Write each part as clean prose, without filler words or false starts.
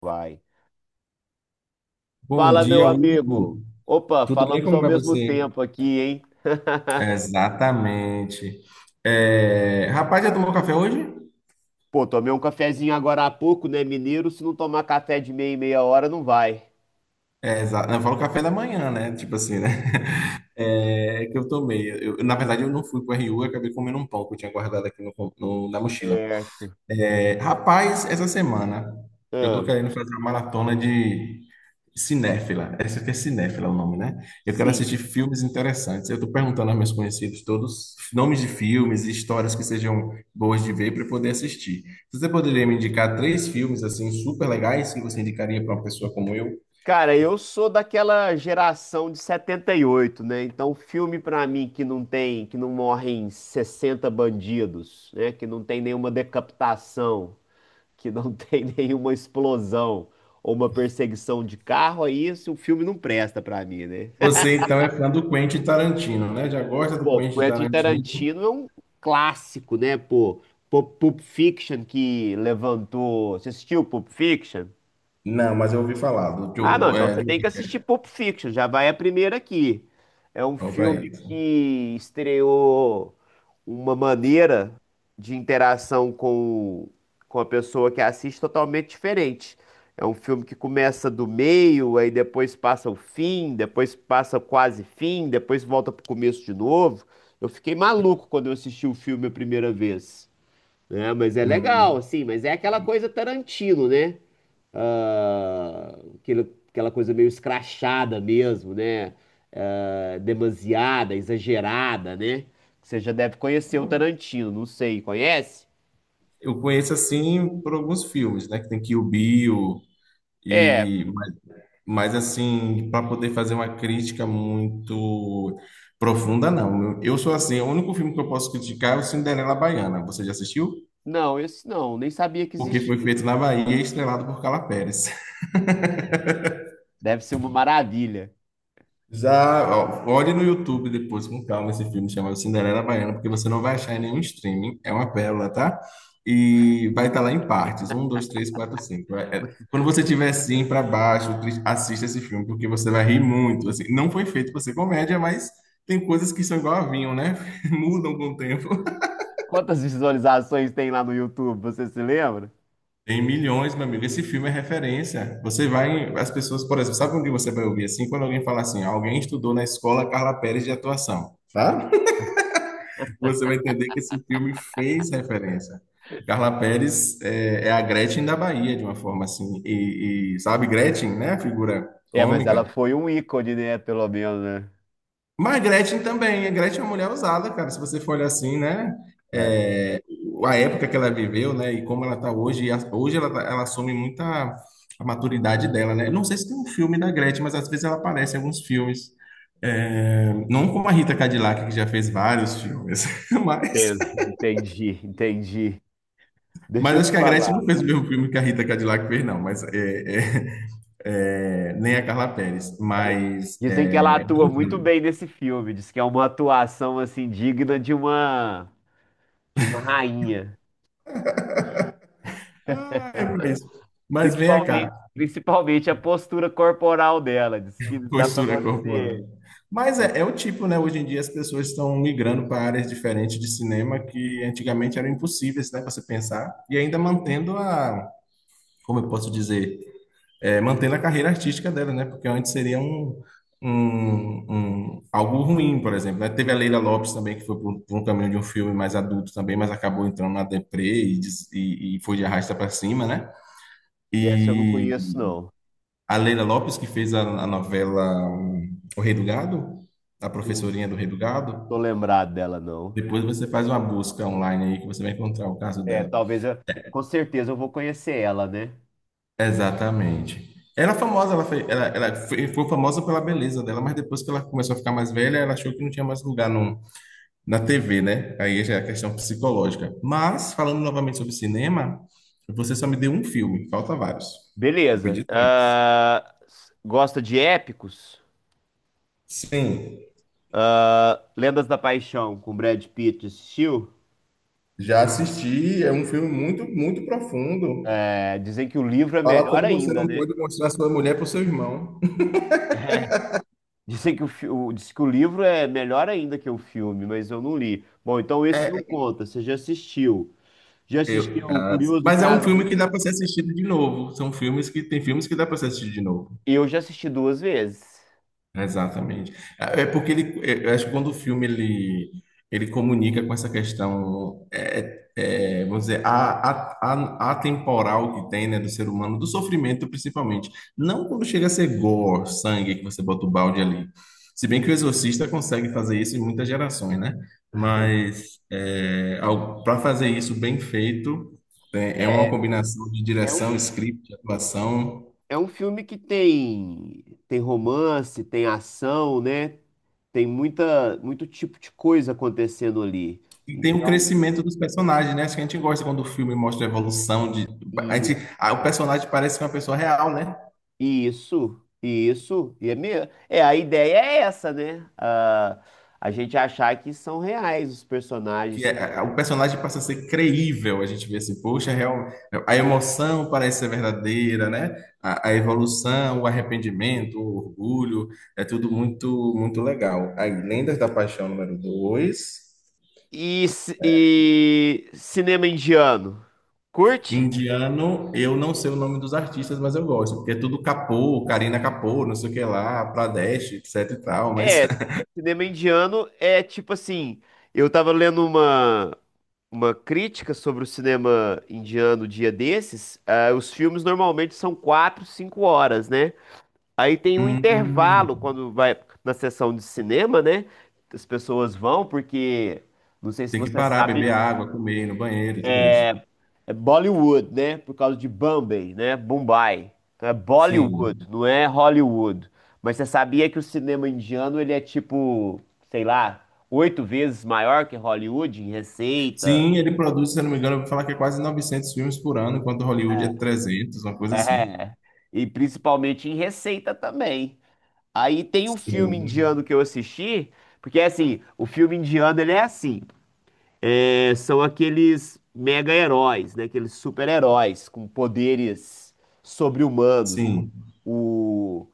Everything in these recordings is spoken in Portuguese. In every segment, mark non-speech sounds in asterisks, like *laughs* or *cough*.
Vai. Bom Fala, meu dia, amigo. Hugo. Opa, Tudo bem? falamos Como ao vai mesmo você? tempo aqui, hein? *laughs* Exatamente. Rapaz, já tomou café hoje? Pô, tomei um cafezinho agora há pouco, né, mineiro? Se não tomar café de meia em meia hora, não vai. Não, eu falo café da manhã, né? Tipo assim, né? *laughs* É que eu tomei. Eu, na verdade, eu não fui para o RU, eu acabei comendo um pão que eu tinha guardado aqui na mochila. Certo. É, rapaz, essa semana eu tô Ah, querendo fazer uma maratona de cinéfila. Essa aqui é cinéfila o nome, né? Eu quero assistir sim. filmes interessantes. Eu tô perguntando aos meus conhecidos todos nomes de filmes e histórias que sejam boas de ver para poder assistir. Você poderia me indicar três filmes assim super legais que você indicaria para uma pessoa como eu? Cara, eu sou daquela geração de 78, né? Então, filme pra mim que não tem, que não morrem 60 bandidos, né? Que não tem nenhuma decapitação, que não *laughs* tem nenhuma explosão ou uma perseguição de carro, aí esse o filme não presta pra mim, né? Você então é fã do Quentin Tarantino, né? Já gosta do Pô, Quentin Quentin Tarantino? Tarantino é um clássico, né, pô? Pulp Fiction que levantou. Você assistiu Pulp Fiction? Não, mas eu ouvi falar do Ah, não, Joe, então você tem que assistir Pulp Fiction, já vai a primeira aqui. É um ó, pra filme ele. que estreou uma maneira de interação com a pessoa que assiste totalmente diferente. É um filme que começa do meio, aí depois passa o fim, depois passa o quase fim, depois volta pro começo de novo. Eu fiquei maluco quando eu assisti o filme a primeira vez. Né? Mas é legal, Hum. assim, mas é aquela coisa Tarantino, né? ah, aquele- Aquela coisa meio escrachada mesmo, né? Ah, demasiada, exagerada, né? Você já deve conhecer o Tarantino, não sei, conhece? Eu conheço assim por alguns filmes, né? Que tem Kill Bill É, e mas, mas, assim, para poder fazer uma crítica muito profunda, não. Eu sou assim, o único filme que eu posso criticar é o Cinderela Baiana. Você já assistiu? não, esse não, nem sabia que Porque foi existia. feito na Bahia e estrelado por Carla Pérez. Deve ser uma maravilha. Já, ó, olhe no YouTube depois com calma esse filme chamado Cinderela Baiana, porque você não vai achar em nenhum streaming, é uma pérola, tá? E vai estar lá em partes, um, dois, três, quatro, cinco. Quando *laughs* você estiver assim para baixo, assista esse filme, porque você vai rir muito. Assim, não foi feito para ser comédia, mas tem coisas que são igual a vinho, né? *laughs* Mudam com o tempo. Quantas visualizações tem lá no YouTube, você se lembra? Tem milhões, meu amigo. Esse filme é referência. Você vai, as pessoas, por exemplo, sabe onde você vai ouvir assim? Quando alguém fala assim, alguém estudou na escola Carla Pérez de atuação. Tá? Você vai entender que esse filme fez referência. Carla Perez é a Gretchen da Bahia, de uma forma assim. Sabe, Gretchen, né? A figura É, mas ela cômica. foi um ícone, né? Pelo menos, Mas Gretchen também. A Gretchen é uma mulher usada, cara. Se você for olhar assim, né? né? É, É, a época que ela viveu, né? E como ela tá hoje. Hoje ela assume muita a maturidade dela, né? Não sei se tem um filme da Gretchen, mas às vezes ela aparece em alguns filmes. É, não como a Rita Cadillac, que já fez vários filmes, *laughs* mas enten- entendi, entendi. Deixa Mas eu acho te que a Gretchen não falar. fez o mesmo filme que a Rita Cadillac fez, não. Mas nem é a um Carla Perez. Ela- Mas Dizem que ela é, atua muito brincando. bem nesse filme. Diz que é uma atuação assim digna de uma rainha. Ah, é pra isso. Mas vem cá, Principalmente, principalmente a postura corporal dela. Diz que dá pra postura corporal. você. Mas é, é o tipo, né? Hoje em dia as pessoas estão migrando para áreas diferentes de cinema que antigamente eram impossíveis, né, para você pensar, e ainda mantendo a, como eu posso dizer, mantendo a carreira artística dela, né? Porque antes seria um algo ruim, por exemplo, né? Teve a Leila Lopes também, que foi por um caminho de um filme mais adulto também, mas acabou entrando na deprê e e- foi de arrasta para cima, né? Essa eu não E conheço, não. a Leila Lopes, que fez a novela um, O Rei do Gado, a Não professorinha do Rei do Gado, tô lembrado dela, não. depois você faz uma busca online aí que você vai encontrar o caso É, dela. talvez eu, com certeza eu vou conhecer ela, né? Exatamente. Ela é famosa, ela foi famosa pela beleza dela, mas depois que ela começou a ficar mais velha, ela achou que não tinha mais lugar no, na TV, né? Aí já é a questão psicológica. Mas, falando novamente sobre cinema, você só me deu um filme, falta vários. Eu Beleza. pedi três. Gosta de épicos? Sim, Ah, Lendas da Paixão com Brad Pitt assistiu? já assisti, é um filme muito, muito profundo. É, dizem que o livro é Fala melhor como você ainda, não né? pode mostrar sua mulher para o seu irmão. Dizem que diz que o livro é melhor ainda que o filme, mas eu não li. Bom, então esse não É, conta, você já assistiu. Já Eu, assistiu o ah, Curioso mas é um Caso filme de. que dá para ser assistido de novo. São filmes que tem filmes que dá para ser assistido de novo. Eu já assisti duas vezes. Exatamente. É é porque eu acho que quando ele comunica com essa questão, vamos dizer, a, atemporal que tem, né, do ser humano, do sofrimento principalmente. Não quando chega a ser gore, sangue, que você bota o balde ali. Se bem que o Exorcista consegue fazer isso em muitas gerações, né? Mas é, para fazer isso bem feito, é uma É, combinação de é direção, um, script, atuação. é um filme que tem, tem romance, tem ação, né? Tem muita, muito tipo de coisa acontecendo ali. E tem o Então, crescimento dos personagens, né? Acho que a gente gosta quando o filme mostra a evolução de. A gente, isso, ah, o personagem parece uma pessoa real, né? isso, e é mesmo. É, a ideia é essa, né? Ah, a gente achar que são reais os personagens. O personagem passa a ser creível. A gente vê assim, poxa, real, a emoção parece ser verdadeira, né? A evolução, o arrependimento, o orgulho, é tudo muito, muito legal. Aí, Lendas da Paixão número 2, E cinema indiano? Curte? indiano, eu não sei o nome dos artistas, mas eu gosto, porque é tudo Kapoor, Karina Kapoor, não sei o que lá, Pradesh, etc e tal, mas É, cinema indiano é tipo assim, eu tava lendo uma crítica sobre o cinema indiano um dia desses. Ah, os filmes normalmente são 4, 5 horas, né? Aí tem um hum, intervalo quando vai na sessão de cinema, né? As pessoas vão, porque não sei se tem que você parar, beber sabe. água, comer, ir no banheiro, tudo isso. É Bollywood, né? Por causa de Bombay, né? Mumbai. Então é Bollywood, Sim. não é Hollywood. Mas você sabia que o cinema indiano, ele é tipo, sei lá, 8 vezes maior que Hollywood em receita? Sim, ele produz, se eu não me engano, eu vou falar que é quase 900 filmes por ano, enquanto Hollywood é trezentos, uma coisa assim. É. E principalmente em receita também. Aí tem um filme Sim, indiano que eu assisti, porque assim, o filme indiano, ele é assim, é, são aqueles mega-heróis, né? Aqueles super-heróis com poderes sobre-humanos. sim. O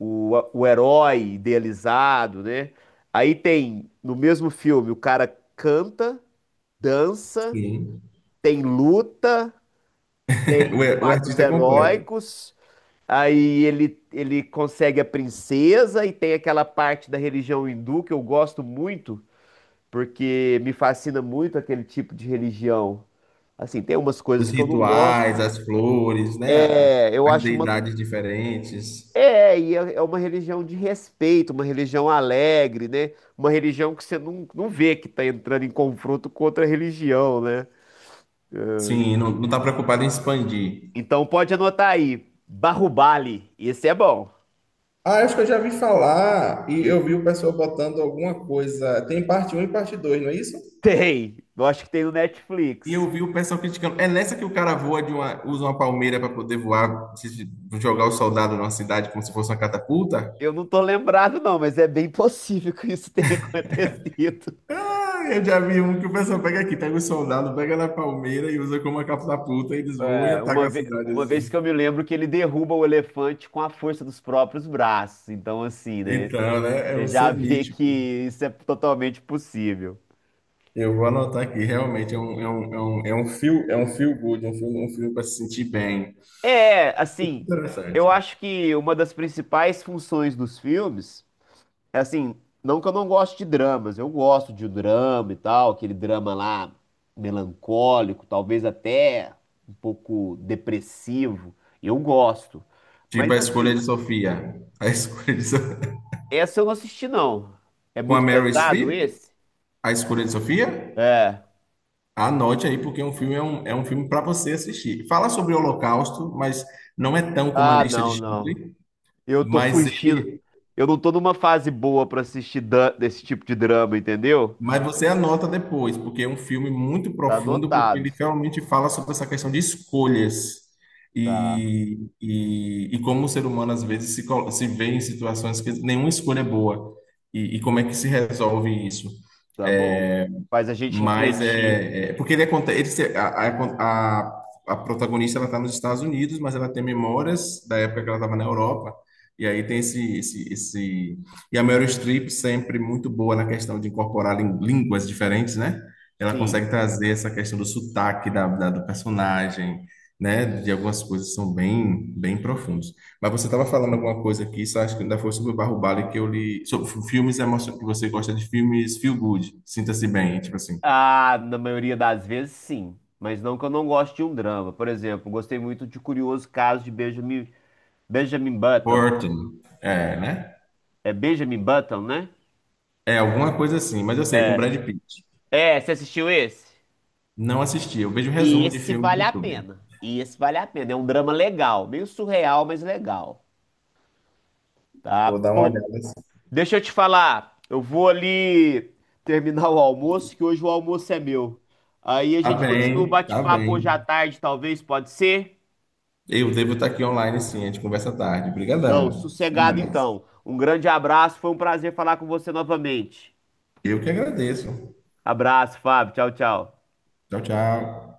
o herói idealizado, né? Aí tem, no mesmo filme, o cara canta, dança, sim. tem luta, *laughs* tem O fatos artista é completo. heróicos, aí ele consegue a princesa e tem aquela parte da religião hindu que eu gosto muito, porque me fascina muito aquele tipo de religião. Assim, tem umas Os coisas que eu não rituais, gosto. as flores, né? É, eu As acho uma deidades diferentes. É, é uma religião de respeito, uma religião alegre, né? Uma religião que você não vê que tá entrando em confronto com outra religião, né? Sim, não, não tá preocupado em expandir. Então pode anotar aí, Barrubali, esse é bom. Ah, acho que eu já vi falar e eu E vi o pessoal botando alguma coisa. Tem parte um e parte 2, não é isso? tem, eu acho que tem no E Netflix. eu vi o pessoal criticando. É nessa que o cara voa de uma, usa uma palmeira para poder voar, jogar o soldado numa cidade como se fosse uma catapulta? Eu não tô lembrado não, mas é bem possível que isso tenha *laughs* acontecido. Ah, eu já vi um que o pessoal pega aqui, pega o soldado, pega na palmeira e usa como uma catapulta, e eles voam e É, atacam a cidade uma vez que assim. eu me lembro que ele derruba o elefante com a força dos próprios braços, então assim, né? Então, né? É um Você já ser vê que mítico. isso é totalmente possível. Eu vou anotar aqui, realmente é um feel good, é um filme para se sentir bem. É, assim, eu Interessante. acho que uma das principais funções dos filmes é assim, não que eu não goste de dramas, eu gosto de drama e tal, aquele drama lá melancólico, talvez até um pouco depressivo, eu gosto. Tipo Mas a escolha assim, de Sofia. A escolha de Sofia. essa eu não assisti não. É *laughs* Com a muito Meryl pesado Streep, esse? a escolha de Sofia. É. Anote aí, porque um filme é um filme para você assistir. Fala sobre o Holocausto, mas não é tão como a Ah, lista de não, não. Schindler, Eu tô mas fugindo. ele, Eu não tô numa fase boa pra assistir desse tipo de drama, entendeu? mas você anota depois, porque é um filme muito Tá profundo, porque anotado. ele realmente fala sobre essa questão de escolhas Tá. E como o ser humano às vezes se vê em situações que nenhuma escolha é boa e como é que se resolve isso. Tá bom. É, Faz a gente Mas refletir. é, porque ele aconte- ele se- a protagonista ela está nos Estados Unidos, mas ela tem memórias da época que ela estava na Europa. E aí tem esse e a Meryl Streep sempre muito boa na questão de incorporar línguas diferentes, né? Ela Sim. consegue trazer essa questão do sotaque do personagem, né? De algumas coisas que são bem bem profundas. Mas você estava falando alguma coisa aqui, só acho que ainda foi sobre o Barro Bale que eu li, sobre filmes emocionantes, que você gosta de filmes feel good, sinta-se bem, tipo assim. Ah, na maioria das vezes, sim. Mas não que eu não goste de um drama. Por exemplo, gostei muito de Curioso Caso de Benjamin, Benjamin Button. Burton, é, né? É Benjamin Button, né? É alguma coisa assim, mas eu sei, é com Brad Pitt. É, você assistiu esse? Não assisti, eu vejo resumo de Esse filme no vale a YouTube. pena. Esse vale a pena. É um drama legal. Meio surreal, mas legal. Tá? Vou dar uma Pô, olhada assim. deixa eu te falar. Eu vou ali terminar o almoço, que hoje o almoço é meu. Aí a Tá gente continua o bem, tá bate-papo hoje à bem. tarde, talvez, pode ser? Eu devo estar aqui online sim, a gente conversa tarde. Não, Obrigadão. Até sossegado mais. então. Um grande abraço, foi um prazer falar com você novamente. Eu que agradeço. Abraço, Fábio. Tchau, tchau. Tchau, tchau.